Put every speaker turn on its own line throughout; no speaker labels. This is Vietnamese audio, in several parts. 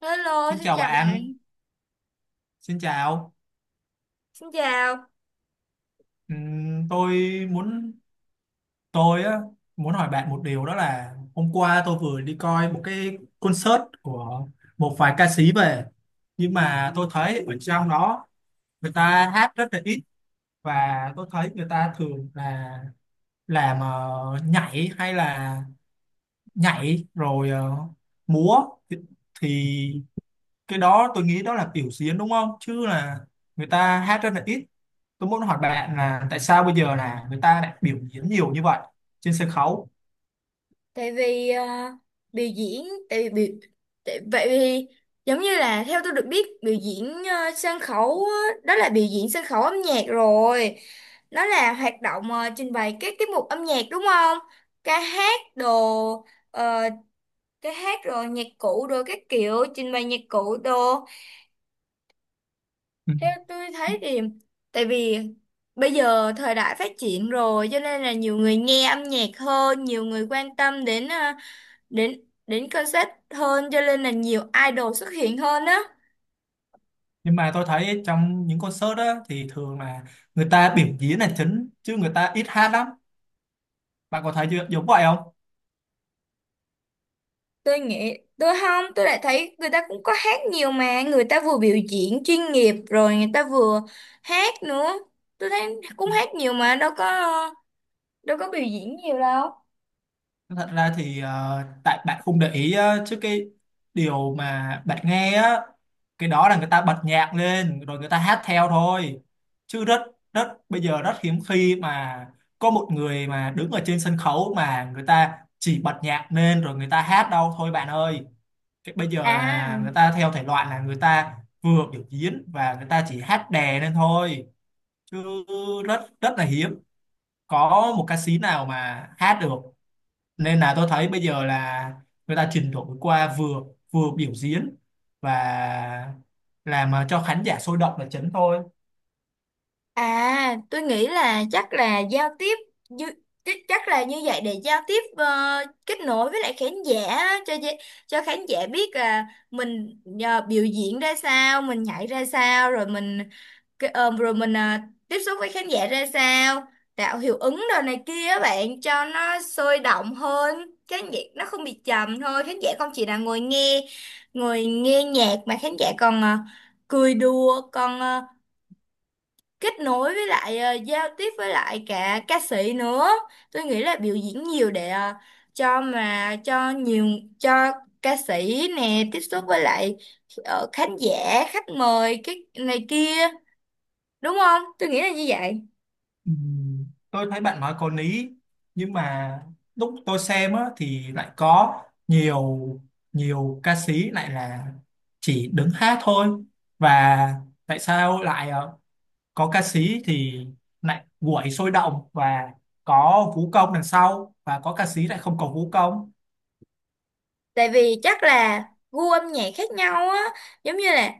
Hello,
Xin
xin
chào
chào
bạn,
bạn.
xin chào.
Xin chào.
Ừm, tôi muốn tôi muốn hỏi bạn một điều, đó là hôm qua tôi vừa đi coi một cái concert của một vài ca sĩ về, nhưng mà tôi thấy ở trong đó người ta hát rất là ít, và tôi thấy người ta thường là làm nhảy, hay là nhảy rồi múa. Thì, thì cái đó tôi nghĩ đó là biểu diễn, đúng không, chứ là người ta hát rất là ít. Tôi muốn hỏi bạn là tại sao bây giờ là người ta lại biểu diễn nhiều như vậy trên sân khấu.
Tại vì biểu diễn, tại vì biểu, tại, vậy vì giống như là theo tôi được biết biểu diễn sân khấu á, đó là biểu diễn sân khấu âm nhạc rồi. Nó là hoạt động trình bày các tiết mục âm nhạc đúng không? Ca hát đồ, ờ, ca hát rồi nhạc cụ đồ các kiểu, trình bày nhạc cụ đồ.
Ừ.
Theo tôi thấy thì tại vì bây giờ thời đại phát triển rồi cho nên là nhiều người nghe âm nhạc hơn, nhiều người quan tâm đến đến đến concert hơn cho nên là nhiều idol xuất hiện hơn á.
Nhưng mà tôi thấy trong những concert đó thì thường là người ta biểu diễn là chính, chứ người ta ít hát lắm. Bạn có thấy chưa- giống vậy không?
Tôi nghĩ tôi không, tôi lại thấy người ta cũng có hát nhiều mà, người ta vừa biểu diễn chuyên nghiệp rồi người ta vừa hát nữa. Tôi thấy cũng
Ừ.
hát nhiều mà đâu có biểu diễn nhiều đâu.
Thật ra thì tại bạn không để ý á, chứ cái điều mà bạn nghe á, cái đó là người ta bật nhạc lên rồi người ta hát theo thôi, chứ rất rất bây giờ rất hiếm khi mà có một người mà đứng ở trên sân khấu mà người ta chỉ bật nhạc lên rồi người ta hát đâu thôi, bạn ơi. Cái bây giờ
À.
là người ta theo thể loại là người ta vừa biểu diễn và người ta chỉ hát đè lên thôi, chứ rất rất là hiếm có một ca sĩ nào mà hát được. Nên là tôi thấy bây giờ là người ta chuyển đổi qua vừa vừa biểu diễn và làm cho khán giả sôi động là chính thôi.
À, tôi nghĩ là chắc là giao tiếp như chắc chắc là như vậy để giao tiếp kết nối với lại khán giả á, cho khán giả biết là mình biểu diễn ra sao, mình nhảy ra sao rồi rồi mình tiếp xúc với khán giả ra sao, tạo hiệu ứng đồ này kia á bạn cho nó sôi động hơn, khán giả nó không bị trầm thôi, khán giả không chỉ là ngồi nghe nhạc mà khán giả còn cười đùa còn kết nối với lại giao tiếp với lại cả ca sĩ nữa. Tôi nghĩ là biểu diễn nhiều để cho mà cho nhiều cho ca sĩ nè tiếp xúc với lại khán giả khách mời cái này kia, đúng không, tôi nghĩ là như vậy.
Ừm, tôi thấy bạn nói có lý, nhưng mà lúc tôi xem á, thì lại có nhiều nhiều ca sĩ lại là chỉ đứng hát thôi. Và tại sao lại có ca sĩ thì lại quẩy sôi động và có vũ công đằng sau, và có ca sĩ lại không có vũ công?
Tại vì chắc là gu âm nhạc khác nhau á, giống như là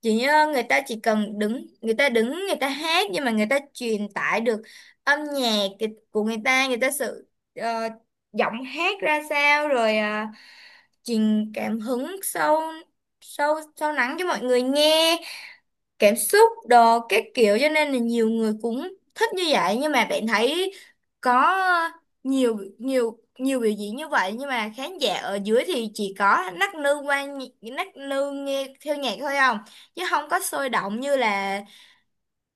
chỉ như người ta chỉ cần đứng, người ta hát nhưng mà người ta truyền tải được âm nhạc của người ta, ờ, giọng hát ra sao rồi truyền cảm hứng sâu sâu sâu lắng cho mọi người nghe cảm xúc đồ các kiểu, cho nên là nhiều người cũng thích như vậy. Nhưng mà bạn thấy có nhiều nhiều nhiều biểu diễn như vậy nhưng mà khán giả ở dưới thì chỉ có nắc nư nghe theo nhạc thôi không, chứ không có sôi động như là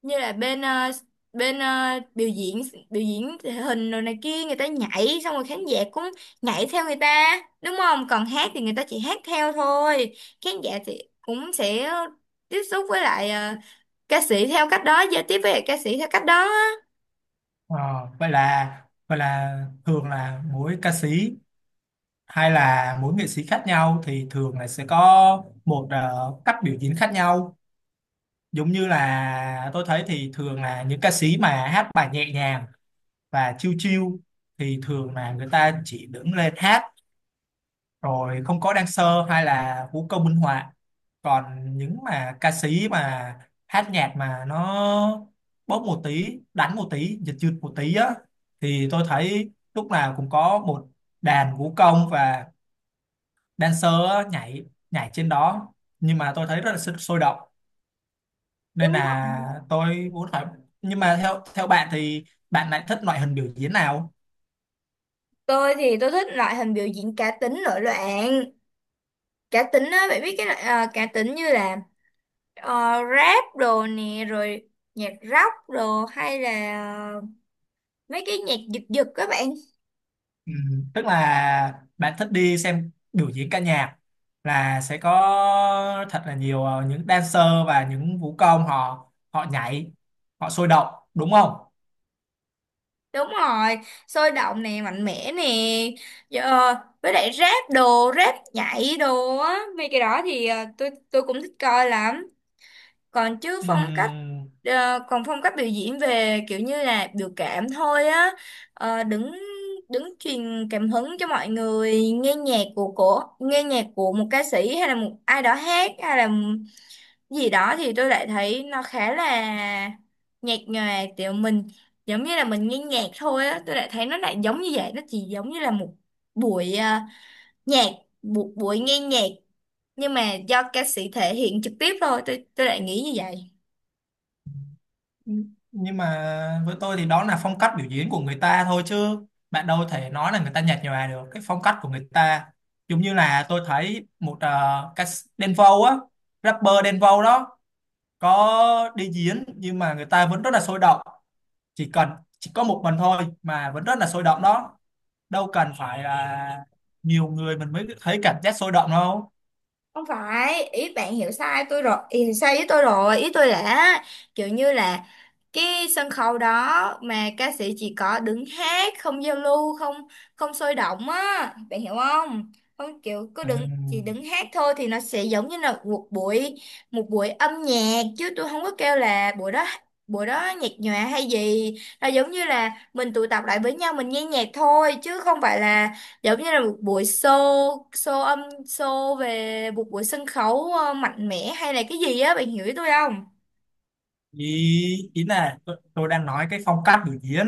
bên bên biểu diễn thể hình rồi này kia, người ta nhảy xong rồi khán giả cũng nhảy theo người ta đúng không, còn hát thì người ta chỉ hát theo thôi, khán giả thì cũng sẽ tiếp xúc với lại ca sĩ theo cách đó, giao tiếp với ca sĩ theo cách đó á.
Ờ, vậy là vậy là thường là mỗi ca sĩ hay là mỗi nghệ sĩ khác nhau thì thường là sẽ có một cách biểu diễn khác nhau. Giống như là tôi thấy thì thường là những ca sĩ mà hát bài nhẹ nhàng và chill chill thì thường là người ta chỉ đứng lên hát, rồi không có dancer hay là vũ công minh họa. Còn những mà ca sĩ mà hát nhạc mà nó bóp một tí, đánh một tí, giật giật một tí á, thì tôi thấy lúc nào cũng có một đàn vũ công và dancer á, nhảy nhảy trên đó, nhưng mà tôi thấy rất là sôi sôi động. Nên
Đúng rồi.
là tôi muốn hỏi, nhưng mà theo theo bạn thì bạn lại thích loại hình biểu diễn nào?
Tôi thì tôi thích loại hình biểu diễn cá tính nổi loạn. Cá tính á, bạn biết cái loại cá tính như là rap đồ nè, rồi nhạc rock đồ hay là ờ, mấy cái nhạc giật giật các bạn.
Ừ, tức là bạn thích đi xem biểu diễn ca nhạc là sẽ có thật là nhiều những dancer và những vũ công, họ họ nhảy, họ sôi động, đúng không?
Đúng rồi, sôi động nè, mạnh mẽ nè. Ờ, với lại rap đồ, rap nhảy đồ á, mấy cái đó thì tôi cũng thích coi lắm. còn chứ phong cách
Ừm,
còn phong cách biểu diễn về kiểu như là biểu cảm thôi á, đứng đứng truyền cảm hứng cho mọi người nghe nhạc của một ca sĩ hay là một ai đó hát hay là gì đó, thì tôi lại thấy nó khá là nhạt nhòa, kiểu mình giống như là mình nghe nhạc thôi á. Tôi lại thấy nó lại giống như vậy, nó chỉ giống như là một buổi ờ, nhạc một buổi nghe nhạc nhưng mà do ca sĩ thể hiện trực tiếp thôi, tôi lại nghĩ như vậy.
nhưng mà với tôi thì đó là phong cách biểu diễn của người ta thôi, chứ bạn đâu thể nói là người ta nhạt nhòa được cái phong cách của người ta. Giống như là tôi thấy một ca sĩ Đen Vâu á, rapper Đen Vâu đó, có đi diễn nhưng mà người ta vẫn rất là sôi động. Chỉ cần chỉ có một mình thôi mà vẫn rất là sôi động đó. Đâu cần phải là nhiều người mình mới thấy cảm giác sôi động đâu.
Không phải, ý bạn hiểu sai tôi rồi, ý hiểu sai với tôi rồi, ý tôi là kiểu như là cái sân khấu đó mà ca sĩ chỉ có đứng hát, không giao lưu, không không sôi động á, bạn hiểu không, không kiểu cứ đứng chỉ
Ừm,
đứng hát thôi thì nó sẽ giống như là một buổi âm nhạc, chứ tôi không có kêu là buổi đó nhạc nhòa hay gì, là giống như là mình tụ tập lại với nhau mình nghe nhạc thôi chứ không phải là giống như là một buổi show show âm show về một buổi sân khấu mạnh mẽ hay là cái gì á, bạn hiểu ý tôi không?
ý ý là tôi đang nói cái phong cách biểu diễn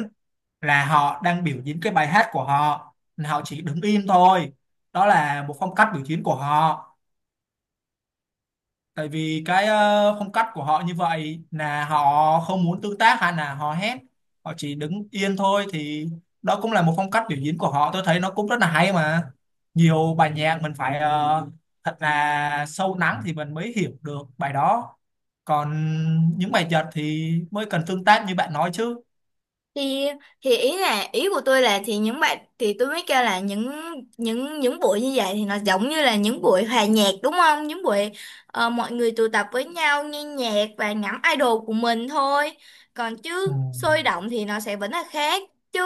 là họ đang biểu diễn cái bài hát của họ, họ chỉ đứng im thôi, đó là một phong cách biểu diễn của họ. Tại vì phong cách của họ như vậy là họ không muốn tương tác hay là họ hét, họ chỉ đứng yên thôi, thì đó cũng là một phong cách biểu diễn của họ. Tôi thấy nó cũng rất là hay mà. Nhiều bài nhạc mình phải thật là sâu lắng thì mình mới hiểu được bài đó. Còn những bài giật thì mới cần tương tác như bạn nói chứ.
Thì thì ý là ý của tôi là thì những bạn thì tôi mới kêu là những buổi như vậy thì nó giống như là những buổi hòa nhạc đúng không, những buổi mọi người tụ tập với nhau nghe nhạc và ngắm idol của mình thôi, còn
Ừ.
chứ sôi động thì nó sẽ vẫn là khác chứ,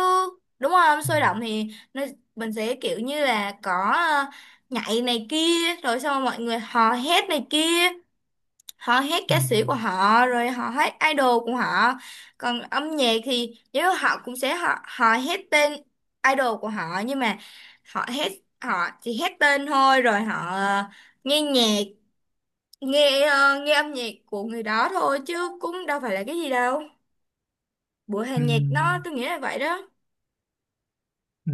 đúng không,
Ừ.
sôi động thì nó, mình sẽ kiểu như là có nhảy này kia rồi xong rồi mọi người hò hét này kia, họ hát
Ừ.
ca sĩ của họ rồi họ hát idol của họ. Còn âm nhạc thì nếu họ cũng sẽ họ họ hát tên idol của họ nhưng mà họ hát họ chỉ hát tên thôi rồi họ nghe nhạc nghe âm nhạc của người đó thôi, chứ cũng đâu phải là cái gì đâu buổi hòa
Ừ.
nhạc, nó tôi nghĩ là vậy đó.
Ừ,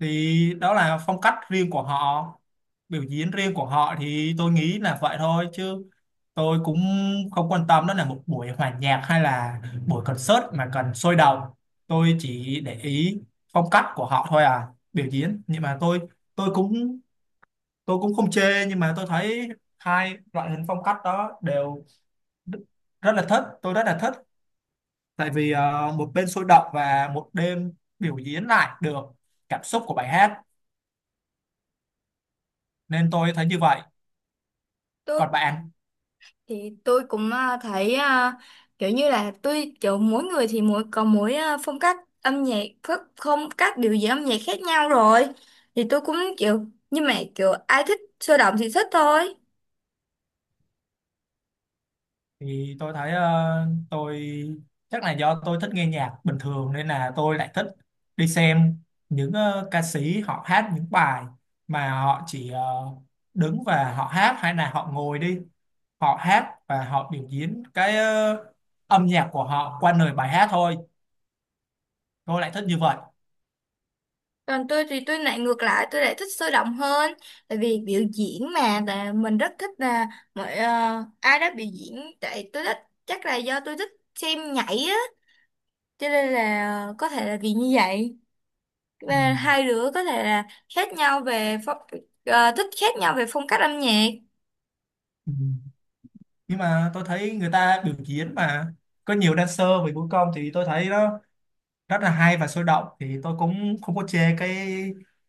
thì đó là phong cách riêng của họ, biểu diễn riêng của họ, thì tôi nghĩ là vậy thôi. Chứ tôi cũng không quan tâm đó là một buổi hòa nhạc hay là buổi concert mà cần sôi động. Tôi chỉ để ý phong cách của họ thôi à, biểu diễn. Nhưng mà tôi cũng tôi cũng không chê, nhưng mà tôi thấy hai loại hình phong cách đó đều rất là thích, tôi rất là thích. Tại vì một bên sôi động và một bên biểu diễn lại được cảm xúc của bài hát, nên tôi thấy như vậy.
Tôi
Còn bạn?
thì tôi cũng thấy kiểu như là tôi kiểu mỗi người thì mỗi có mỗi phong cách âm nhạc phong cách biểu diễn âm nhạc khác nhau rồi, thì tôi cũng kiểu, nhưng mà kiểu ai thích sôi động thì thích thôi.
Thì tôi thấy tôi chắc là do tôi thích nghe nhạc bình thường, nên là tôi lại thích đi xem những ca sĩ họ hát những bài mà họ chỉ đứng và họ hát, hay là họ ngồi đi, họ hát và họ biểu diễn âm nhạc của họ qua lời bài hát thôi. Tôi lại thích như vậy.
Còn tôi thì tôi lại ngược lại, tôi lại thích sôi động hơn, tại vì biểu diễn mà là mình rất thích là ai đó biểu diễn, tại tôi thích, chắc là do tôi thích xem nhảy á, cho nên là có thể là vì như vậy.
Ừ.
Và hai đứa có thể là khác nhau về thích khác nhau về phong cách âm nhạc.
Ừ. Nhưng mà tôi thấy người ta biểu diễn mà có nhiều dancer với vũ công thì tôi thấy đó rất là hay và sôi động, thì tôi cũng không có chê cái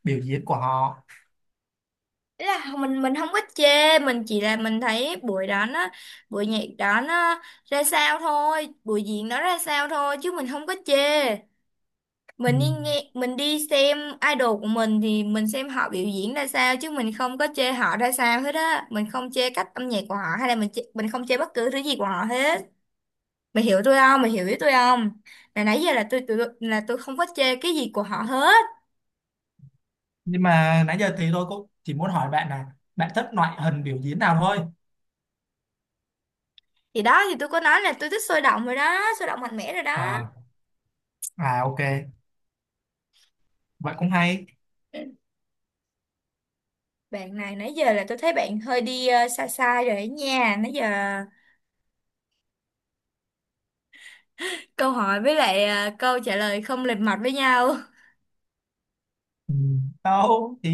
biểu diễn của họ.
Ý là mình không có chê, mình chỉ là mình thấy buổi đó nó buổi nhạc đó nó ra sao thôi, buổi diễn đó ra sao thôi, chứ mình không có chê.
Ừ.
Mình đi nghe, mình đi xem idol của mình thì mình xem họ biểu diễn ra sao, chứ mình không có chê họ ra sao hết á, mình không chê cách âm nhạc của họ hay là mình chê, mình không chê bất cứ thứ gì của họ hết. Mày hiểu tôi không, mày hiểu ý tôi không, là nãy giờ là tôi không có chê cái gì của họ hết.
Nhưng mà nãy giờ thì tôi cũng chỉ muốn hỏi bạn là bạn thích loại hình biểu diễn nào thôi.
Thì đó, thì tôi có nói là tôi thích sôi động rồi đó, sôi động mạnh mẽ rồi đó.
À, à, ok, vậy cũng hay.
Bạn này, nãy giờ là tôi thấy bạn hơi đi sai sai rồi đấy nha, nãy giờ câu hỏi với lại câu trả lời không lệch mạch với nhau.
Ừ. Đâu thì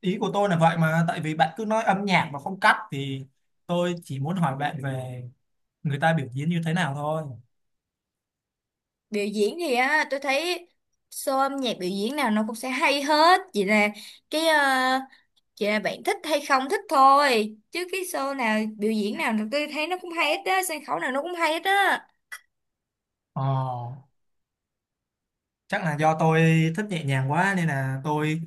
ý của tôi là vậy mà. Tại vì bạn cứ nói âm nhạc mà không cắt, thì tôi chỉ muốn hỏi bạn về người ta biểu diễn như thế nào thôi.
Biểu diễn thì á tôi thấy show âm nhạc biểu diễn nào nó cũng sẽ hay hết, chỉ là cái ờ, chỉ là bạn thích hay không thích thôi, chứ cái show nào biểu diễn nào tôi thấy nó cũng hay hết á, sân khấu nào nó cũng hay hết á.
Ờ, chắc là do tôi thích nhẹ nhàng quá, nên là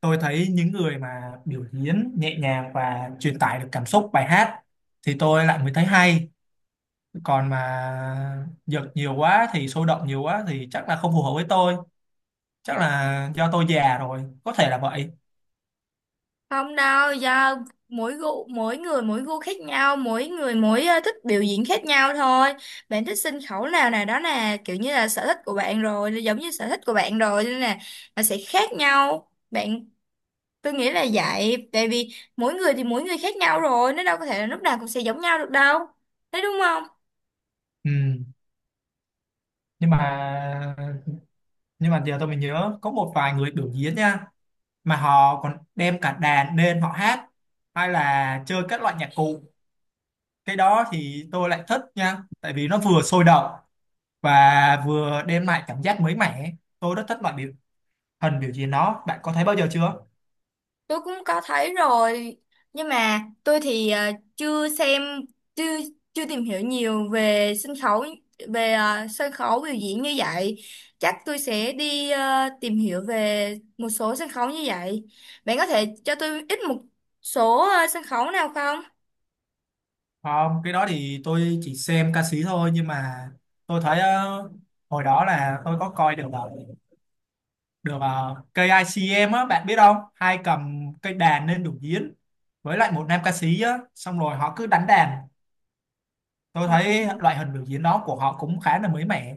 tôi thấy những người mà biểu diễn nhẹ nhàng và truyền tải được cảm xúc bài hát thì tôi lại mới thấy hay. Còn mà giật nhiều quá thì sôi động nhiều quá thì chắc là không phù hợp với tôi. Chắc là do tôi già rồi, có thể là vậy.
Không đâu, do mỗi gu, mỗi người mỗi gu khác nhau, mỗi người mỗi thích biểu diễn khác nhau thôi. Bạn thích sân khấu nào nào đó là kiểu như là sở thích của bạn rồi, giống như sở thích của bạn rồi nên là nó sẽ khác nhau. Tôi nghĩ là vậy, tại vì mỗi người thì mỗi người khác nhau rồi, nó đâu có thể là lúc nào cũng sẽ giống nhau được đâu. Thấy đúng không?
Ừ. nhưng mà nhưng mà giờ tôi mới nhớ có một vài người biểu diễn nha, mà họ còn đem cả đàn lên họ hát hay là chơi các loại nhạc cụ. Cái đó thì tôi lại thích nha, tại vì nó vừa sôi động và vừa đem lại cảm giác mới mẻ. Tôi rất thích loại biểu hình biểu diễn đó, bạn có thấy bao giờ chưa?
Tôi cũng có thấy rồi, nhưng mà tôi thì chưa xem, chưa chưa tìm hiểu nhiều về sân khấu, về sân khấu biểu diễn như vậy. Chắc tôi sẽ đi tìm hiểu về một số sân khấu như vậy. Bạn có thể cho tôi ít một số sân khấu nào không?
Không, cái đó thì tôi chỉ xem ca sĩ thôi. Nhưng mà tôi thấy hồi đó là tôi có coi được KICM á, bạn biết không, hai cầm cây đàn lên biểu diễn với lại một nam ca sĩ á, xong rồi họ cứ đánh đàn. Tôi
Ừ.
thấy loại hình biểu diễn đó của họ cũng khá là mới mẻ.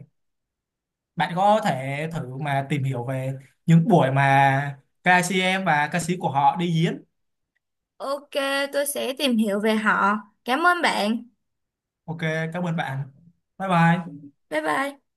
Bạn có thể thử mà tìm hiểu về những buổi mà ca sĩ em và ca sĩ của họ đi diễn.
OK, tôi sẽ tìm hiểu về họ. Cảm ơn bạn.
Ok, cảm ơn bạn. Bye bye.
Bye bye.